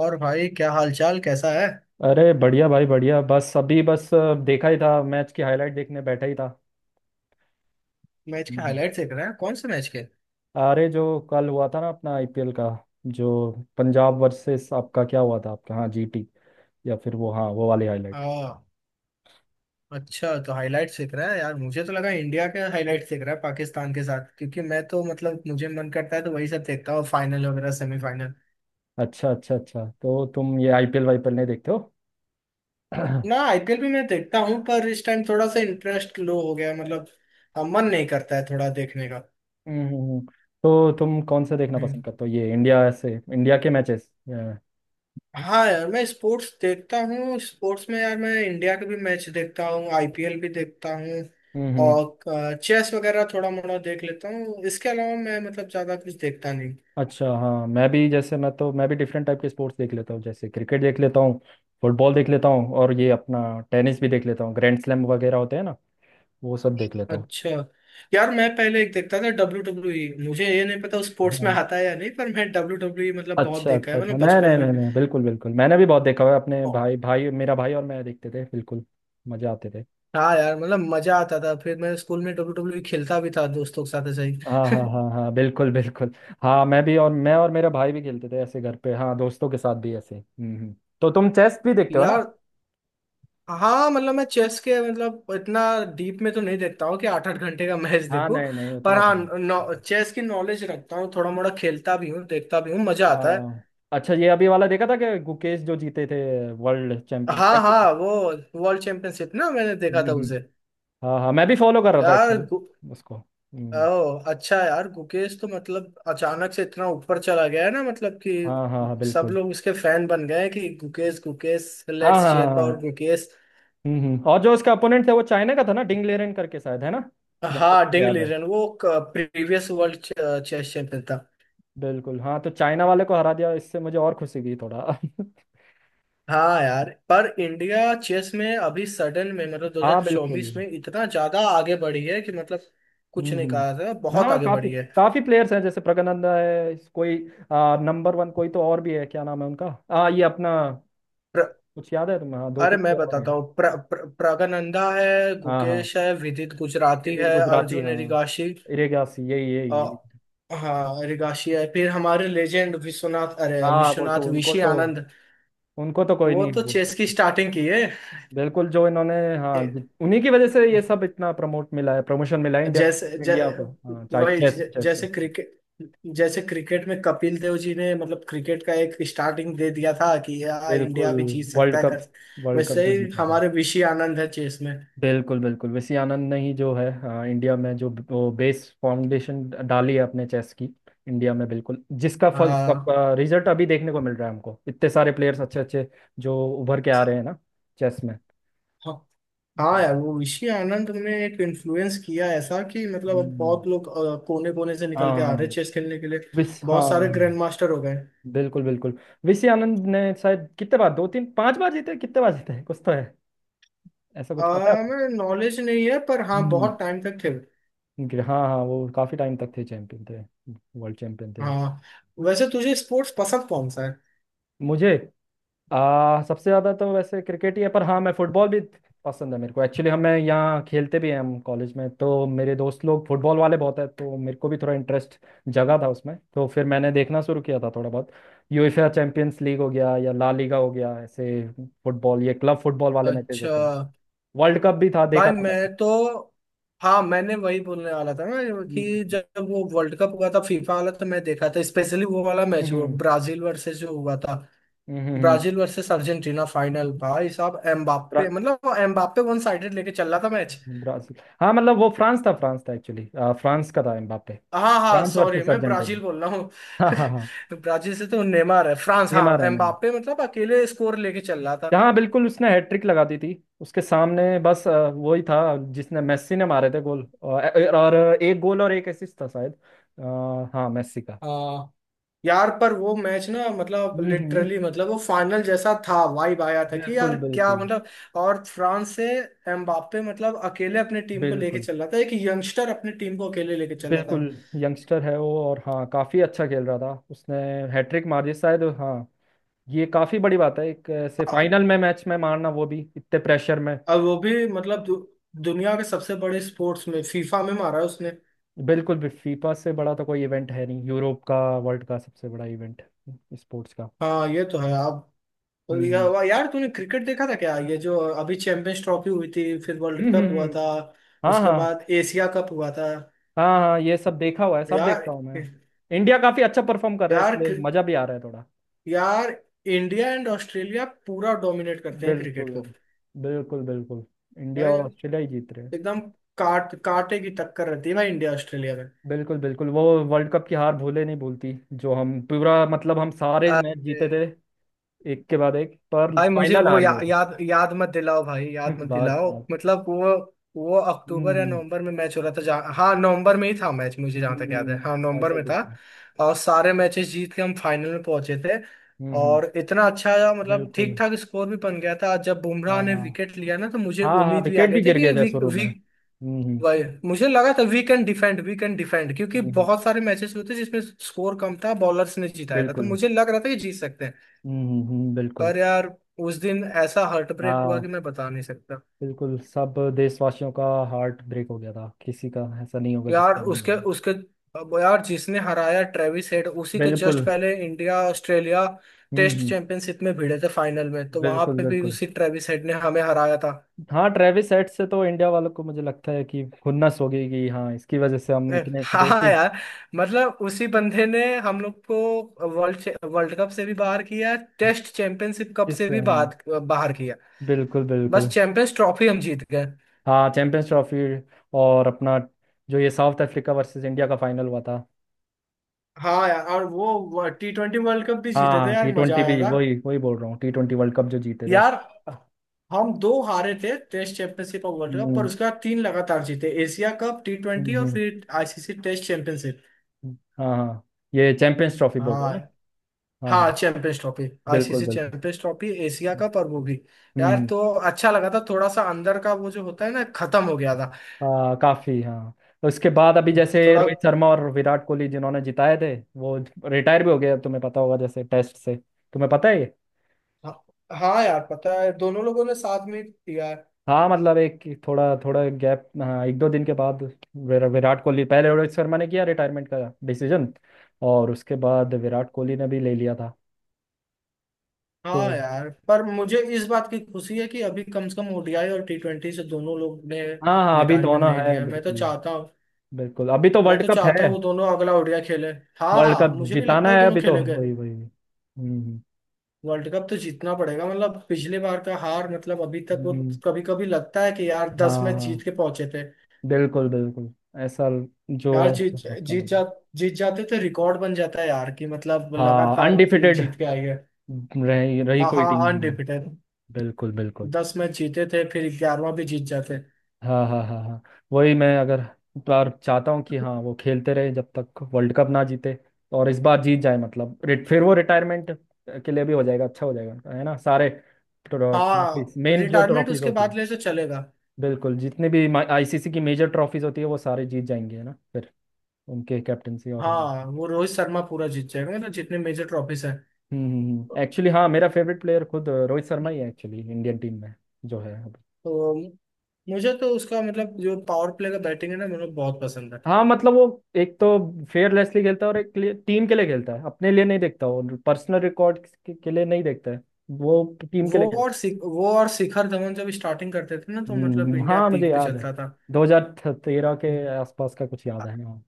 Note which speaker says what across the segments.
Speaker 1: और भाई, क्या हालचाल कैसा है।
Speaker 2: अरे बढ़िया भाई बढ़िया। बस अभी बस देखा ही था, मैच की हाईलाइट देखने बैठा ही था।
Speaker 1: मैच के
Speaker 2: हम्म।
Speaker 1: हाईलाइट देख रहे हैं? कौन से मैच के?
Speaker 2: अरे जो कल हुआ था ना अपना आईपीएल का, जो पंजाब वर्सेस आपका क्या हुआ था आपका, हाँ जीटी, या फिर वो, हाँ वो वाली हाईलाइट।
Speaker 1: हाँ। अच्छा, तो हाईलाइट देख रहा है यार। मुझे तो लगा इंडिया के हाईलाइट देख रहा है, पाकिस्तान के साथ। क्योंकि मैं तो मतलब मुझे मन करता है तो वही सब देखता हूँ, फाइनल वगैरह, सेमीफाइनल।
Speaker 2: अच्छा अच्छा अच्छा, तो तुम ये आईपीएल वाईपीएल नहीं देखते हो। हम्म
Speaker 1: ना, आईपीएल भी मैं देखता हूँ पर इस टाइम थोड़ा सा इंटरेस्ट लो हो गया है, मतलब मन नहीं करता है थोड़ा देखने का।
Speaker 2: हम्म, हम्म। तो तुम कौन सा देखना पसंद
Speaker 1: हम्म।
Speaker 2: करते हो, ये इंडिया से, इंडिया के मैचेस।
Speaker 1: हाँ यार, मैं स्पोर्ट्स देखता हूँ। स्पोर्ट्स में यार मैं इंडिया के भी मैच देखता हूँ, आईपीएल भी देखता हूँ।
Speaker 2: हम्म।
Speaker 1: और चेस वगैरह थोड़ा मोड़ा देख लेता हूँ। इसके अलावा मैं मतलब ज्यादा कुछ देखता नहीं।
Speaker 2: अच्छा हाँ, मैं भी, जैसे मैं भी डिफरेंट टाइप के स्पोर्ट्स देख लेता हूँ, जैसे क्रिकेट देख लेता हूँ, फुटबॉल देख लेता हूँ, और ये अपना टेनिस भी देख लेता हूँ। ग्रैंड स्लैम वगैरह होते हैं ना, वो सब देख लेता हूँ।
Speaker 1: अच्छा। यार मैं पहले एक देखता था, WWE। मुझे ये नहीं पता स्पोर्ट्स में
Speaker 2: हाँ।
Speaker 1: आता है या नहीं, पर मैं डब्ल्यू डब्ल्यू ई मतलब बहुत
Speaker 2: अच्छा
Speaker 1: देखा
Speaker 2: अच्छा
Speaker 1: है मैंने
Speaker 2: अच्छा, नहीं नहीं
Speaker 1: बचपन में।
Speaker 2: नहीं नहीं, बिल्कुल बिल्कुल, मैंने भी बहुत देखा हुआ है अपने
Speaker 1: और-
Speaker 2: भाई भाई, मेरा भाई और मैं देखते थे, बिल्कुल मजे आते थे।
Speaker 1: हाँ यार, मतलब मजा आता था। फिर मैं स्कूल में डब्ल्यू डब्ल्यू ई खेलता भी था दोस्तों के साथ ऐसे
Speaker 2: हाँ हाँ
Speaker 1: ही।
Speaker 2: हाँ हाँ, बिल्कुल बिल्कुल। हाँ मैं भी, और मेरा भाई भी खेलते थे, ऐसे घर पे, हाँ दोस्तों के साथ भी ऐसे। तो तुम चेस भी देखते हो ना।
Speaker 1: यार। हाँ मतलब, मैं चेस के मतलब इतना डीप में तो नहीं देखता हूँ कि आठ आठ घंटे का मैच
Speaker 2: हाँ
Speaker 1: देखूं।
Speaker 2: नहीं नहीं,
Speaker 1: पर
Speaker 2: उतना तो नहीं।
Speaker 1: हाँ, चेस की नॉलेज रखता हूँ, थोड़ा मोड़ा खेलता भी हूँ, देखता भी हूँ, मजा
Speaker 2: आ,
Speaker 1: आता है।
Speaker 2: अच्छा, ये अभी वाला देखा था कि गुकेश जो जीते थे वर्ल्ड चैंपियन, क्या
Speaker 1: हाँ
Speaker 2: बोलते
Speaker 1: हाँ,
Speaker 2: हैं?
Speaker 1: वो वर्ल्ड चैंपियनशिप ना, मैंने देखा
Speaker 2: हम्म
Speaker 1: था
Speaker 2: हम्म।
Speaker 1: उसे।
Speaker 2: हाँ हाँ, मैं भी फॉलो कर रहा था
Speaker 1: यार
Speaker 2: एक्चुअली उसको।
Speaker 1: ओ अच्छा, यार गुकेश तो मतलब अचानक से इतना ऊपर चला गया है ना, मतलब कि
Speaker 2: हाँ हाँ हाँ,
Speaker 1: सब
Speaker 2: बिल्कुल।
Speaker 1: लोग उसके फैन बन गए हैं कि गुकेश गुकेश
Speaker 2: हाँ
Speaker 1: लेट्स
Speaker 2: हाँ हाँ
Speaker 1: चीयर फॉर
Speaker 2: हाँ,
Speaker 1: गुकेश।
Speaker 2: और जो उसका अपोनेंट था वो चाइना का था ना, डिंग लेरेन करके शायद है ना, जहाँ तक
Speaker 1: हाँ,
Speaker 2: मुझे
Speaker 1: डिंग
Speaker 2: याद है।
Speaker 1: लीरन वो प्रीवियस वर्ल्ड चेस चैंपियन था।
Speaker 2: बिल्कुल हाँ, तो चाइना वाले को हरा दिया, इससे मुझे और खुशी हुई थोड़ा।
Speaker 1: हाँ यार, पर इंडिया चेस में अभी सडन में मतलब
Speaker 2: हाँ बिल्कुल।
Speaker 1: 2024 में इतना ज्यादा आगे बढ़ी है कि मतलब कुछ
Speaker 2: हम्म
Speaker 1: नहीं
Speaker 2: हम्म।
Speaker 1: कहा था, बहुत
Speaker 2: हाँ
Speaker 1: आगे
Speaker 2: काफी
Speaker 1: बढ़ी है।
Speaker 2: काफी प्लेयर्स हैं, जैसे प्रगनंदा है, कोई नंबर वन कोई तो और भी है, क्या नाम है उनका, ये अपना
Speaker 1: प्र,
Speaker 2: कुछ याद है तुम्हें? हाँ दो
Speaker 1: अरे
Speaker 2: तीन
Speaker 1: मैं
Speaker 2: तो और
Speaker 1: बताता
Speaker 2: हैं।
Speaker 1: हूँ, प्र, प्र, प्रगनंदा है,
Speaker 2: हाँ हाँ,
Speaker 1: गुकेश है, विदित गुजराती
Speaker 2: किसी
Speaker 1: है,
Speaker 2: गुजराती,
Speaker 1: अर्जुन है,
Speaker 2: हाँ
Speaker 1: रिगाशी।
Speaker 2: इरेगासी, यही यही
Speaker 1: अ,
Speaker 2: यही।
Speaker 1: हाँ रिगाशी है, फिर हमारे लेजेंड विश्वनाथ, अरे
Speaker 2: हाँ वो तो,
Speaker 1: विश्वनाथ
Speaker 2: उनको
Speaker 1: ऋषि
Speaker 2: तो,
Speaker 1: आनंद।
Speaker 2: उनको तो कोई
Speaker 1: वो
Speaker 2: नहीं
Speaker 1: तो
Speaker 2: बोलता,
Speaker 1: चेस की स्टार्टिंग की है।
Speaker 2: बिल्कुल। जो इन्होंने, हाँ
Speaker 1: ए-
Speaker 2: उन्हीं की वजह से ये सब इतना प्रमोट मिला है, प्रमोशन मिला है इंडिया,
Speaker 1: जैसे ज,
Speaker 2: इंडिया को, हाँ चाहे चेस, चेस से,
Speaker 1: जैसे क्रिकेट, जैसे क्रिकेट में कपिल देव जी ने मतलब क्रिकेट का एक स्टार्टिंग दे दिया था कि यार इंडिया
Speaker 2: बिल्कुल।
Speaker 1: भी जीत
Speaker 2: वर्ल्ड
Speaker 1: सकता है
Speaker 2: कप,
Speaker 1: कर।
Speaker 2: वर्ल्ड कप
Speaker 1: वैसे
Speaker 2: जो
Speaker 1: ही
Speaker 2: जीता था।
Speaker 1: हमारे ऋषि आनंद है चेस में।
Speaker 2: बिल्कुल बिल्कुल, वैसी आनंद ने ही जो है, इंडिया में जो वो बेस फाउंडेशन डाली है अपने चेस की, इंडिया में, बिल्कुल, जिसका फल सब,
Speaker 1: हाँ
Speaker 2: रिजल्ट अभी देखने को मिल रहा है हमको, इतने सारे प्लेयर्स अच्छे अच्छे जो उभर के आ रहे हैं ना चेस में।
Speaker 1: हाँ हाँ। यार वो ऋषि आनंद ने एक इन्फ्लुएंस किया ऐसा कि मतलब अब
Speaker 2: हम्म,
Speaker 1: बहुत लोग कोने कोने से निकल के आ रहे
Speaker 2: हाँ,
Speaker 1: चेस खेलने के लिए।
Speaker 2: विस
Speaker 1: बहुत
Speaker 2: हाँ।
Speaker 1: सारे ग्रैंड मास्टर हो गए।
Speaker 2: बिल्कुल बिल्कुल, विसी आनंद ने शायद कितने बार, दो तीन पांच बार जीते, कितने बार जीते हैं? कुछ तो है ऐसा,
Speaker 1: आ,
Speaker 2: कुछ पता है आपको?
Speaker 1: मैं नॉलेज नहीं है पर हाँ
Speaker 2: हम्म।
Speaker 1: बहुत टाइम तक थे।
Speaker 2: हाँ हाँ, वो काफी टाइम तक थे चैंपियन थे, वर्ल्ड चैंपियन थे।
Speaker 1: हाँ, वैसे तुझे स्पोर्ट्स पसंद कौन सा है?
Speaker 2: मुझे सबसे ज़्यादा तो वैसे क्रिकेट ही है, पर हाँ मैं फुटबॉल भी पसंद है मेरे को एक्चुअली, हमें यहाँ खेलते भी हैं हम कॉलेज में, तो मेरे दोस्त लोग फुटबॉल वाले बहुत है, तो मेरे को भी थोड़ा इंटरेस्ट जगा था उसमें, तो फिर मैंने देखना शुरू किया था थोड़ा बहुत। यूएफए चैंपियंस लीग हो गया, या ला लीगा हो गया, ऐसे फुटबॉल ये क्लब फुटबॉल वाले मैचेज
Speaker 1: अच्छा।
Speaker 2: होते हैं। वर्ल्ड कप भी था
Speaker 1: भाई
Speaker 2: देखा था मैंने।
Speaker 1: मैं तो, हाँ, मैंने वही बोलने वाला था ना कि
Speaker 2: हम्म
Speaker 1: जब वो वर्ल्ड कप हुआ था, फीफा वाला, तो मैं देखा था। स्पेशली वो वाला मैच हुआ,
Speaker 2: हम्म,
Speaker 1: ब्राजील वर्सेस जो हुआ था,
Speaker 2: हम्म।
Speaker 1: Brazil versus Argentina final. भाई साहब, एम्बाप्पे
Speaker 2: ब्रा-
Speaker 1: मतलब वो एम्बाप्पे वन साइडेड लेके चल रहा था मैच।
Speaker 2: ब्राजील हाँ मतलब वो फ्रांस था, फ्रांस था एक्चुअली, फ्रांस का था एम्बाप्पे,
Speaker 1: हाँ हाँ,
Speaker 2: फ्रांस
Speaker 1: सॉरी
Speaker 2: वर्सेस
Speaker 1: मैं
Speaker 2: अर्जेंटीना।
Speaker 1: ब्राजील बोल रहा हूँ।
Speaker 2: हाँ हाँ हाँ।
Speaker 1: ब्राजील से तो नेमार है, फ्रांस, हाँ
Speaker 2: नेमार है, मैंने
Speaker 1: एम्बाप्पे मतलब अकेले स्कोर लेके चल रहा था।
Speaker 2: जहाँ, बिल्कुल उसने हैट्रिक लगा दी थी, उसके सामने बस वही था जिसने, मेस्सी ने मारे थे गोल, और एक गोल और एक असिस्ट था शायद, हाँ मेस्सी का।
Speaker 1: हाँ यार, पर वो मैच ना मतलब
Speaker 2: हम्म हम्म,
Speaker 1: लिटरली, मतलब वो फाइनल जैसा था, वाइब आया था कि यार
Speaker 2: बिल्कुल
Speaker 1: क्या
Speaker 2: बिल्कुल।
Speaker 1: मतलब। और फ्रांस से एम्बाप्पे मतलब अकेले अपने टीम को लेके
Speaker 2: बिल्कुल
Speaker 1: चल रहा था, एक यंगस्टर अपनी टीम को अकेले लेके चल रहा
Speaker 2: बिल्कुल,
Speaker 1: था।
Speaker 2: यंगस्टर है वो, और हाँ काफी अच्छा खेल रहा था, उसने हैट्रिक मार दी शायद, हाँ ये काफी बड़ी बात है, एक ऐसे
Speaker 1: हाँ,
Speaker 2: फाइनल में, मैच में मारना, वो भी इतने प्रेशर में।
Speaker 1: अब वो भी मतलब दुनिया के सबसे बड़े स्पोर्ट्स में फीफा में मारा है उसने।
Speaker 2: बिल्कुल, भी फीफा से बड़ा तो कोई इवेंट है नहीं, यूरोप का, वर्ल्ड का सबसे बड़ा इवेंट स्पोर्ट्स का।
Speaker 1: हाँ ये तो है आप।
Speaker 2: हम्म हम्म।
Speaker 1: यार तूने क्रिकेट देखा था क्या, ये जो अभी चैंपियंस ट्रॉफी हुई थी, फिर वर्ल्ड
Speaker 2: हम्म
Speaker 1: कप
Speaker 2: हम्म
Speaker 1: हुआ
Speaker 2: हम्म,
Speaker 1: था,
Speaker 2: हाँ
Speaker 1: उसके
Speaker 2: हाँ।
Speaker 1: बाद एशिया कप हुआ था?
Speaker 2: हाँ हाँ, ये सब देखा हुआ है, सब
Speaker 1: यार,
Speaker 2: देखता हूँ मैं। इंडिया काफी अच्छा परफॉर्म कर रहा है,
Speaker 1: यार,
Speaker 2: इसलिए मजा भी आ रहा है थोड़ा।
Speaker 1: यार, इंडिया एंड ऑस्ट्रेलिया पूरा डोमिनेट करते हैं
Speaker 2: बिल्कुल
Speaker 1: क्रिकेट को।
Speaker 2: बिल्कुल। बिल्कुल, इंडिया
Speaker 1: भाई
Speaker 2: और ऑस्ट्रेलिया ही जीत रहे हैं।
Speaker 1: एकदम! काट कांटे की टक्कर रहती है भाई, इंडिया ऑस्ट्रेलिया में।
Speaker 2: बिल्कुल बिल्कुल, वो वर्ल्ड कप की हार भूले नहीं भूलती, जो हम पूरा मतलब, हम सारे मैच
Speaker 1: अरे
Speaker 2: जीते थे एक के बाद एक, पर
Speaker 1: भाई, मुझे
Speaker 2: फाइनल
Speaker 1: वो
Speaker 2: हार गए थे।
Speaker 1: याद याद मत दिलाओ भाई, याद
Speaker 2: बस
Speaker 1: मत दिलाओ,
Speaker 2: बस।
Speaker 1: मतलब वो अक्टूबर या
Speaker 2: हम्म
Speaker 1: नवंबर में मैच हो रहा था जहाँ, हाँ नवंबर में ही था मैच, मुझे जहाँ तक याद है, हाँ नवंबर
Speaker 2: ऐसा
Speaker 1: में
Speaker 2: कुछ
Speaker 1: था।
Speaker 2: था।
Speaker 1: और सारे मैचेस जीत के हम फाइनल में पहुंचे थे।
Speaker 2: हम्म हम्म,
Speaker 1: और इतना अच्छा मतलब
Speaker 2: बिल्कुल।
Speaker 1: ठीक ठाक स्कोर भी बन गया था, जब बुमराह
Speaker 2: हाँ
Speaker 1: ने
Speaker 2: हाँ
Speaker 1: विकेट लिया ना, तो मुझे
Speaker 2: हाँ हाँ
Speaker 1: उम्मीद भी आ
Speaker 2: विकेट
Speaker 1: गई
Speaker 2: भी
Speaker 1: थी
Speaker 2: गिर
Speaker 1: कि
Speaker 2: गए थे
Speaker 1: वी,
Speaker 2: शुरू में,
Speaker 1: वी,
Speaker 2: हम्म।
Speaker 1: वही मुझे लगा था, we can defend, we can defend, क्योंकि
Speaker 2: हम्म,
Speaker 1: बहुत सारे मैचेस होते जिसमें स्कोर कम था, बॉलर्स ने जिताया था, तो
Speaker 2: बिल्कुल।
Speaker 1: मुझे लग रहा था कि जीत सकते हैं।
Speaker 2: बिल्कुल।
Speaker 1: पर यार, उस दिन ऐसा हार्ट ब्रेक हुआ
Speaker 2: हाँ,
Speaker 1: कि मैं बता नहीं सकता।
Speaker 2: बिल्कुल सब देशवासियों का हार्ट ब्रेक हो गया था, किसी का ऐसा नहीं होगा
Speaker 1: यार
Speaker 2: जिसका नहीं
Speaker 1: उसके
Speaker 2: मिला।
Speaker 1: उसके अब यार, जिसने हराया ट्रेविस हेड, उसी के जस्ट
Speaker 2: बिल्कुल।
Speaker 1: पहले इंडिया ऑस्ट्रेलिया टेस्ट
Speaker 2: हम्म।
Speaker 1: चैंपियनशिप में भिड़े थे फाइनल में, तो वहां
Speaker 2: बिल्कुल
Speaker 1: पे भी
Speaker 2: बिल्कुल,
Speaker 1: उसी ट्रेविस हेड ने हमें हराया था।
Speaker 2: हाँ ट्रेविस हेड से तो इंडिया वालों को मुझे लगता है कि खुन्नस हो गई, कि हाँ इसकी वजह से हम इतने, दो
Speaker 1: हाँ
Speaker 2: तीन,
Speaker 1: यार, मतलब उसी बंदे ने हम लोग को वर्ल्ड वर्ल्ड कप से भी बाहर किया, टेस्ट चैंपियनशिप कप
Speaker 2: इस
Speaker 1: से भी
Speaker 2: हाँ,
Speaker 1: बाहर बाहर किया।
Speaker 2: बिल्कुल
Speaker 1: बस
Speaker 2: बिल्कुल।
Speaker 1: चैंपियंस ट्रॉफी हम जीत गए।
Speaker 2: हाँ चैंपियंस ट्रॉफी, और अपना जो ये साउथ अफ्रीका वर्सेस इंडिया का फाइनल हुआ था।
Speaker 1: हाँ यार, और वो टी ट्वेंटी वर्ल्ड कप भी जीते थे
Speaker 2: हाँ टी
Speaker 1: यार, मजा
Speaker 2: ट्वेंटी
Speaker 1: आया
Speaker 2: भी,
Speaker 1: था।
Speaker 2: वही वही बोल रहा हूँ, टी ट्वेंटी वर्ल्ड कप जो जीते थे।
Speaker 1: यार, हम दो हारे थे टेस्ट चैंपियनशिप और वर्ल्ड कप, पर
Speaker 2: हम्म
Speaker 1: उसके बाद तीन लगातार जीते, एशिया कप, टी ट्वेंटी
Speaker 2: हम्म,
Speaker 1: और
Speaker 2: हम्म।
Speaker 1: फिर आईसीसी टेस्ट चैंपियनशिप।
Speaker 2: हाँ हाँ, ये चैंपियंस ट्रॉफी बोल रहे हो
Speaker 1: हाँ
Speaker 2: ना। हाँ
Speaker 1: हाँ,
Speaker 2: हाँ,
Speaker 1: चैंपियंस ट्रॉफी।
Speaker 2: बिल्कुल
Speaker 1: आईसीसी
Speaker 2: बिल्कुल।
Speaker 1: चैंपियंस ट्रॉफी, एशिया कप और वो भी।
Speaker 2: हम्म
Speaker 1: यार
Speaker 2: हम्म।
Speaker 1: तो अच्छा लगा था, थोड़ा सा अंदर का वो जो होता है ना, खत्म हो गया था।
Speaker 2: काफी हाँ, उसके बाद अभी जैसे
Speaker 1: थोड़ा।
Speaker 2: रोहित शर्मा और विराट कोहली जिन्होंने जिताए थे, वो रिटायर भी हो गए, अब तुम्हें पता होगा, जैसे टेस्ट से, तुम्हें पता है ये।
Speaker 1: हाँ यार, पता है दोनों लोगों ने साथ में दिया है।
Speaker 2: हाँ मतलब एक, थोड़ा थोड़ा गैप, हाँ एक दो दिन के बाद, विराट कोहली, पहले रोहित शर्मा ने किया रिटायरमेंट का डिसीजन, और उसके बाद विराट कोहली ने भी ले लिया था तो।
Speaker 1: हाँ यार, पर मुझे इस बात की खुशी है कि अभी कम से कम ओडीआई और टी ट्वेंटी से दोनों लोग ने
Speaker 2: हाँ हाँ अभी
Speaker 1: रिटायरमेंट
Speaker 2: दोनों
Speaker 1: नहीं
Speaker 2: है,
Speaker 1: लिया है। मैं तो
Speaker 2: बिल्कुल।
Speaker 1: चाहता हूँ
Speaker 2: बिल्कुल, अभी तो
Speaker 1: मैं
Speaker 2: वर्ल्ड
Speaker 1: तो
Speaker 2: कप
Speaker 1: चाहता
Speaker 2: है,
Speaker 1: हूँ वो दोनों अगला ओडीआई खेले।
Speaker 2: वर्ल्ड
Speaker 1: हाँ,
Speaker 2: कप
Speaker 1: मुझे भी लगता
Speaker 2: जिताना
Speaker 1: है वो
Speaker 2: है
Speaker 1: दोनों
Speaker 2: अभी तो,
Speaker 1: खेलेंगे।
Speaker 2: वही वही।
Speaker 1: वर्ल्ड कप तो जीतना पड़ेगा, मतलब पिछले बार का हार, मतलब अभी तक वो
Speaker 2: हम्म,
Speaker 1: कभी कभी लगता है कि यार
Speaker 2: हाँ
Speaker 1: 10 मैच जीत
Speaker 2: हाँ,
Speaker 1: के पहुंचे थे।
Speaker 2: बिल्कुल बिल्कुल, ऐसा जो
Speaker 1: यार, जीत,
Speaker 2: पक्का
Speaker 1: जीत
Speaker 2: लग रहा
Speaker 1: जा,
Speaker 2: है।
Speaker 1: जीत जाते तो रिकॉर्ड बन जाता है यार कि मतलब
Speaker 2: हाँ
Speaker 1: लगातार टीम
Speaker 2: अनडिफिटेड
Speaker 1: जीत के आई है।
Speaker 2: रही रही
Speaker 1: हाँ
Speaker 2: कोई
Speaker 1: हाँ,
Speaker 2: टीम नहीं है।
Speaker 1: अनरिपीटेड।
Speaker 2: बिल्कुल बिल्कुल।
Speaker 1: 10 मैच जीते थे, फिर 11वां भी जीत जाते।
Speaker 2: हाँ हाँ हाँ हाँ, वही, मैं अगर बार चाहता हूँ कि हाँ वो खेलते रहे जब तक वर्ल्ड कप ना जीते, और इस बार जीत जाए, मतलब फिर वो रिटायरमेंट के लिए भी हो जाएगा, अच्छा हो जाएगा है ना, सारे
Speaker 1: हाँ
Speaker 2: ट्रॉफीज मेन जो
Speaker 1: रिटायरमेंट
Speaker 2: ट्रॉफीज
Speaker 1: उसके
Speaker 2: होती,
Speaker 1: बाद ले तो चलेगा।
Speaker 2: बिल्कुल, जितने भी आईसीसी की मेजर ट्रॉफीज होती है, वो सारे जीत जाएंगे है ना फिर, उनके कैप्टनसी। और हम,
Speaker 1: हाँ वो रोहित शर्मा पूरा जीत जाएगा, मतलब जितने मेजर ट्रॉफीज हैं।
Speaker 2: हम्म, एक्चुअली हाँ मेरा फेवरेट प्लेयर खुद रोहित शर्मा ही है एक्चुअली, इंडियन टीम में जो है अभी।
Speaker 1: तो मुझे तो उसका मतलब जो पावर प्ले का बैटिंग है ना मुझे बहुत पसंद है।
Speaker 2: हाँ मतलब वो एक तो फेयरलेसली खेलता है, और एक टीम के लिए खेलता है, अपने लिए नहीं देखता, वो पर्सनल रिकॉर्ड के लिए नहीं देखता है वो, टीम के लिए खेलता है।
Speaker 1: वो और शिखर धवन जब स्टार्टिंग करते थे ना, तो मतलब इंडिया
Speaker 2: हाँ मुझे
Speaker 1: पीक पे
Speaker 2: याद है,
Speaker 1: चलता था।
Speaker 2: 2013 के आसपास का कुछ याद है, हाँ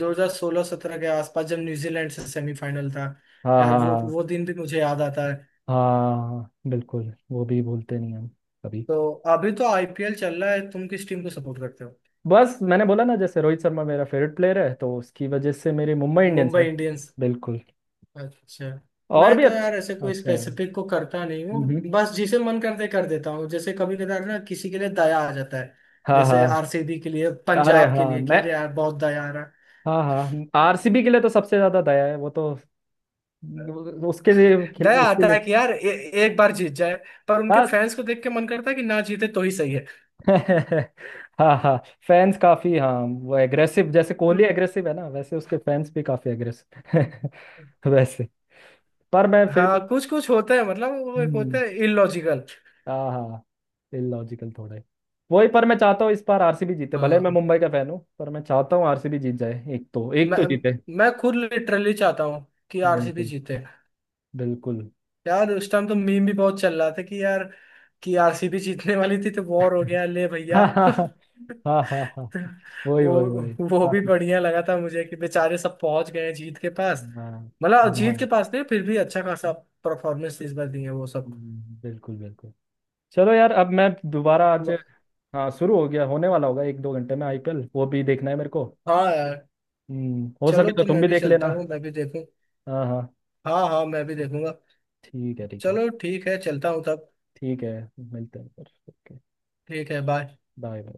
Speaker 1: 2016-17 के आसपास जब न्यूजीलैंड से सेमीफाइनल था,
Speaker 2: हाँ
Speaker 1: यार
Speaker 2: हाँ
Speaker 1: वो
Speaker 2: हाँ।
Speaker 1: वो दिन भी मुझे याद आता है।
Speaker 2: हाँ, हाँ, बिल्कुल वो भी भूलते नहीं हम कभी।
Speaker 1: तो अभी तो आईपीएल चल रहा है, तुम किस टीम को सपोर्ट करते हो?
Speaker 2: बस मैंने बोला ना, जैसे रोहित शर्मा मेरा फेवरेट प्लेयर है, तो उसकी वजह से मेरी मुंबई इंडियंस है।
Speaker 1: मुंबई इंडियंस।
Speaker 2: बिल्कुल,
Speaker 1: अच्छा।
Speaker 2: और
Speaker 1: मैं
Speaker 2: भी
Speaker 1: तो
Speaker 2: अच्छे
Speaker 1: यार ऐसे कोई
Speaker 2: अच्छे हैं।
Speaker 1: स्पेसिफिक को करता नहीं हूँ,
Speaker 2: हम्म,
Speaker 1: बस जिसे मन करते कर देता हूँ, जैसे कभी कदार ना किसी के लिए दया आ जाता है,
Speaker 2: हाँ
Speaker 1: जैसे
Speaker 2: हाँ।
Speaker 1: आरसीबी के लिए,
Speaker 2: अरे
Speaker 1: पंजाब के
Speaker 2: हाँ
Speaker 1: लिए
Speaker 2: मैं,
Speaker 1: कह रहे यार, बहुत दया आ रहा है।
Speaker 2: हाँ हाँ, आरसीबी के लिए तो सबसे ज्यादा दया है, वो तो उसके लिए,
Speaker 1: दया
Speaker 2: उसके
Speaker 1: आता
Speaker 2: लिए
Speaker 1: है कि यार एक बार जीत जाए, पर उनके
Speaker 2: बस।
Speaker 1: फैंस को देख के मन करता है कि ना जीते तो ही सही है।
Speaker 2: हाँ हाँ, फैंस काफी, हाँ वो एग्रेसिव, जैसे कोहली एग्रेसिव है ना, वैसे उसके फैंस भी काफी एग्रेसिव। वैसे पर मैं फिर भी।
Speaker 1: हाँ कुछ कुछ होता है मतलब, वो एक होता
Speaker 2: हम्म,
Speaker 1: है इलॉजिकल।
Speaker 2: हाँ हाँ, इलॉजिकल थोड़ा है, वही, पर मैं चाहता हूँ इस बार आरसीबी जीते, भले मैं
Speaker 1: हाँ
Speaker 2: मुंबई का फैन हूँ, पर मैं चाहता हूँ आरसीबी जीत जाए, एक तो, एक
Speaker 1: मैं
Speaker 2: तो जीते।
Speaker 1: मैं खुद लिटरली चाहता हूँ कि आरसीबी
Speaker 2: बिल्कुल
Speaker 1: जीते।
Speaker 2: बिल्कुल।
Speaker 1: यार उस टाइम तो मीम भी बहुत चल रहा था कि यार, कि आरसीबी जीतने वाली थी तो वॉर हो गया ले भैया।
Speaker 2: हाँ हाँ हाँ हाँ हाँ, वही
Speaker 1: वो
Speaker 2: वही वही
Speaker 1: वो भी
Speaker 2: काफी।
Speaker 1: बढ़िया लगा था मुझे कि बेचारे सब पहुंच गए हैं जीत के पास।
Speaker 2: हाँ
Speaker 1: मतलब जीत के
Speaker 2: हाँ।
Speaker 1: पास नहीं, फिर भी अच्छा खासा परफॉर्मेंस इस बार दिए वो सब।
Speaker 2: बिल्कुल बिल्कुल। चलो यार, अब मैं दोबारा आज, हाँ शुरू हो गया, होने वाला होगा एक दो घंटे में आईपीएल, वो भी देखना है मेरे को।
Speaker 1: हाँ यार।
Speaker 2: हम्म, हो
Speaker 1: चलो,
Speaker 2: सके तो
Speaker 1: तो
Speaker 2: तुम
Speaker 1: मैं
Speaker 2: भी
Speaker 1: भी
Speaker 2: देख
Speaker 1: चलता
Speaker 2: लेना।
Speaker 1: हूँ, मैं भी देखूँ।
Speaker 2: हाँ हाँ,
Speaker 1: हाँ हाँ मैं भी देखूंगा।
Speaker 2: ठीक है ठीक है।
Speaker 1: चलो ठीक है, चलता हूँ तब।
Speaker 2: ठीक है, मिलते हैं फिर, ओके।
Speaker 1: ठीक है बाय।
Speaker 2: बाय।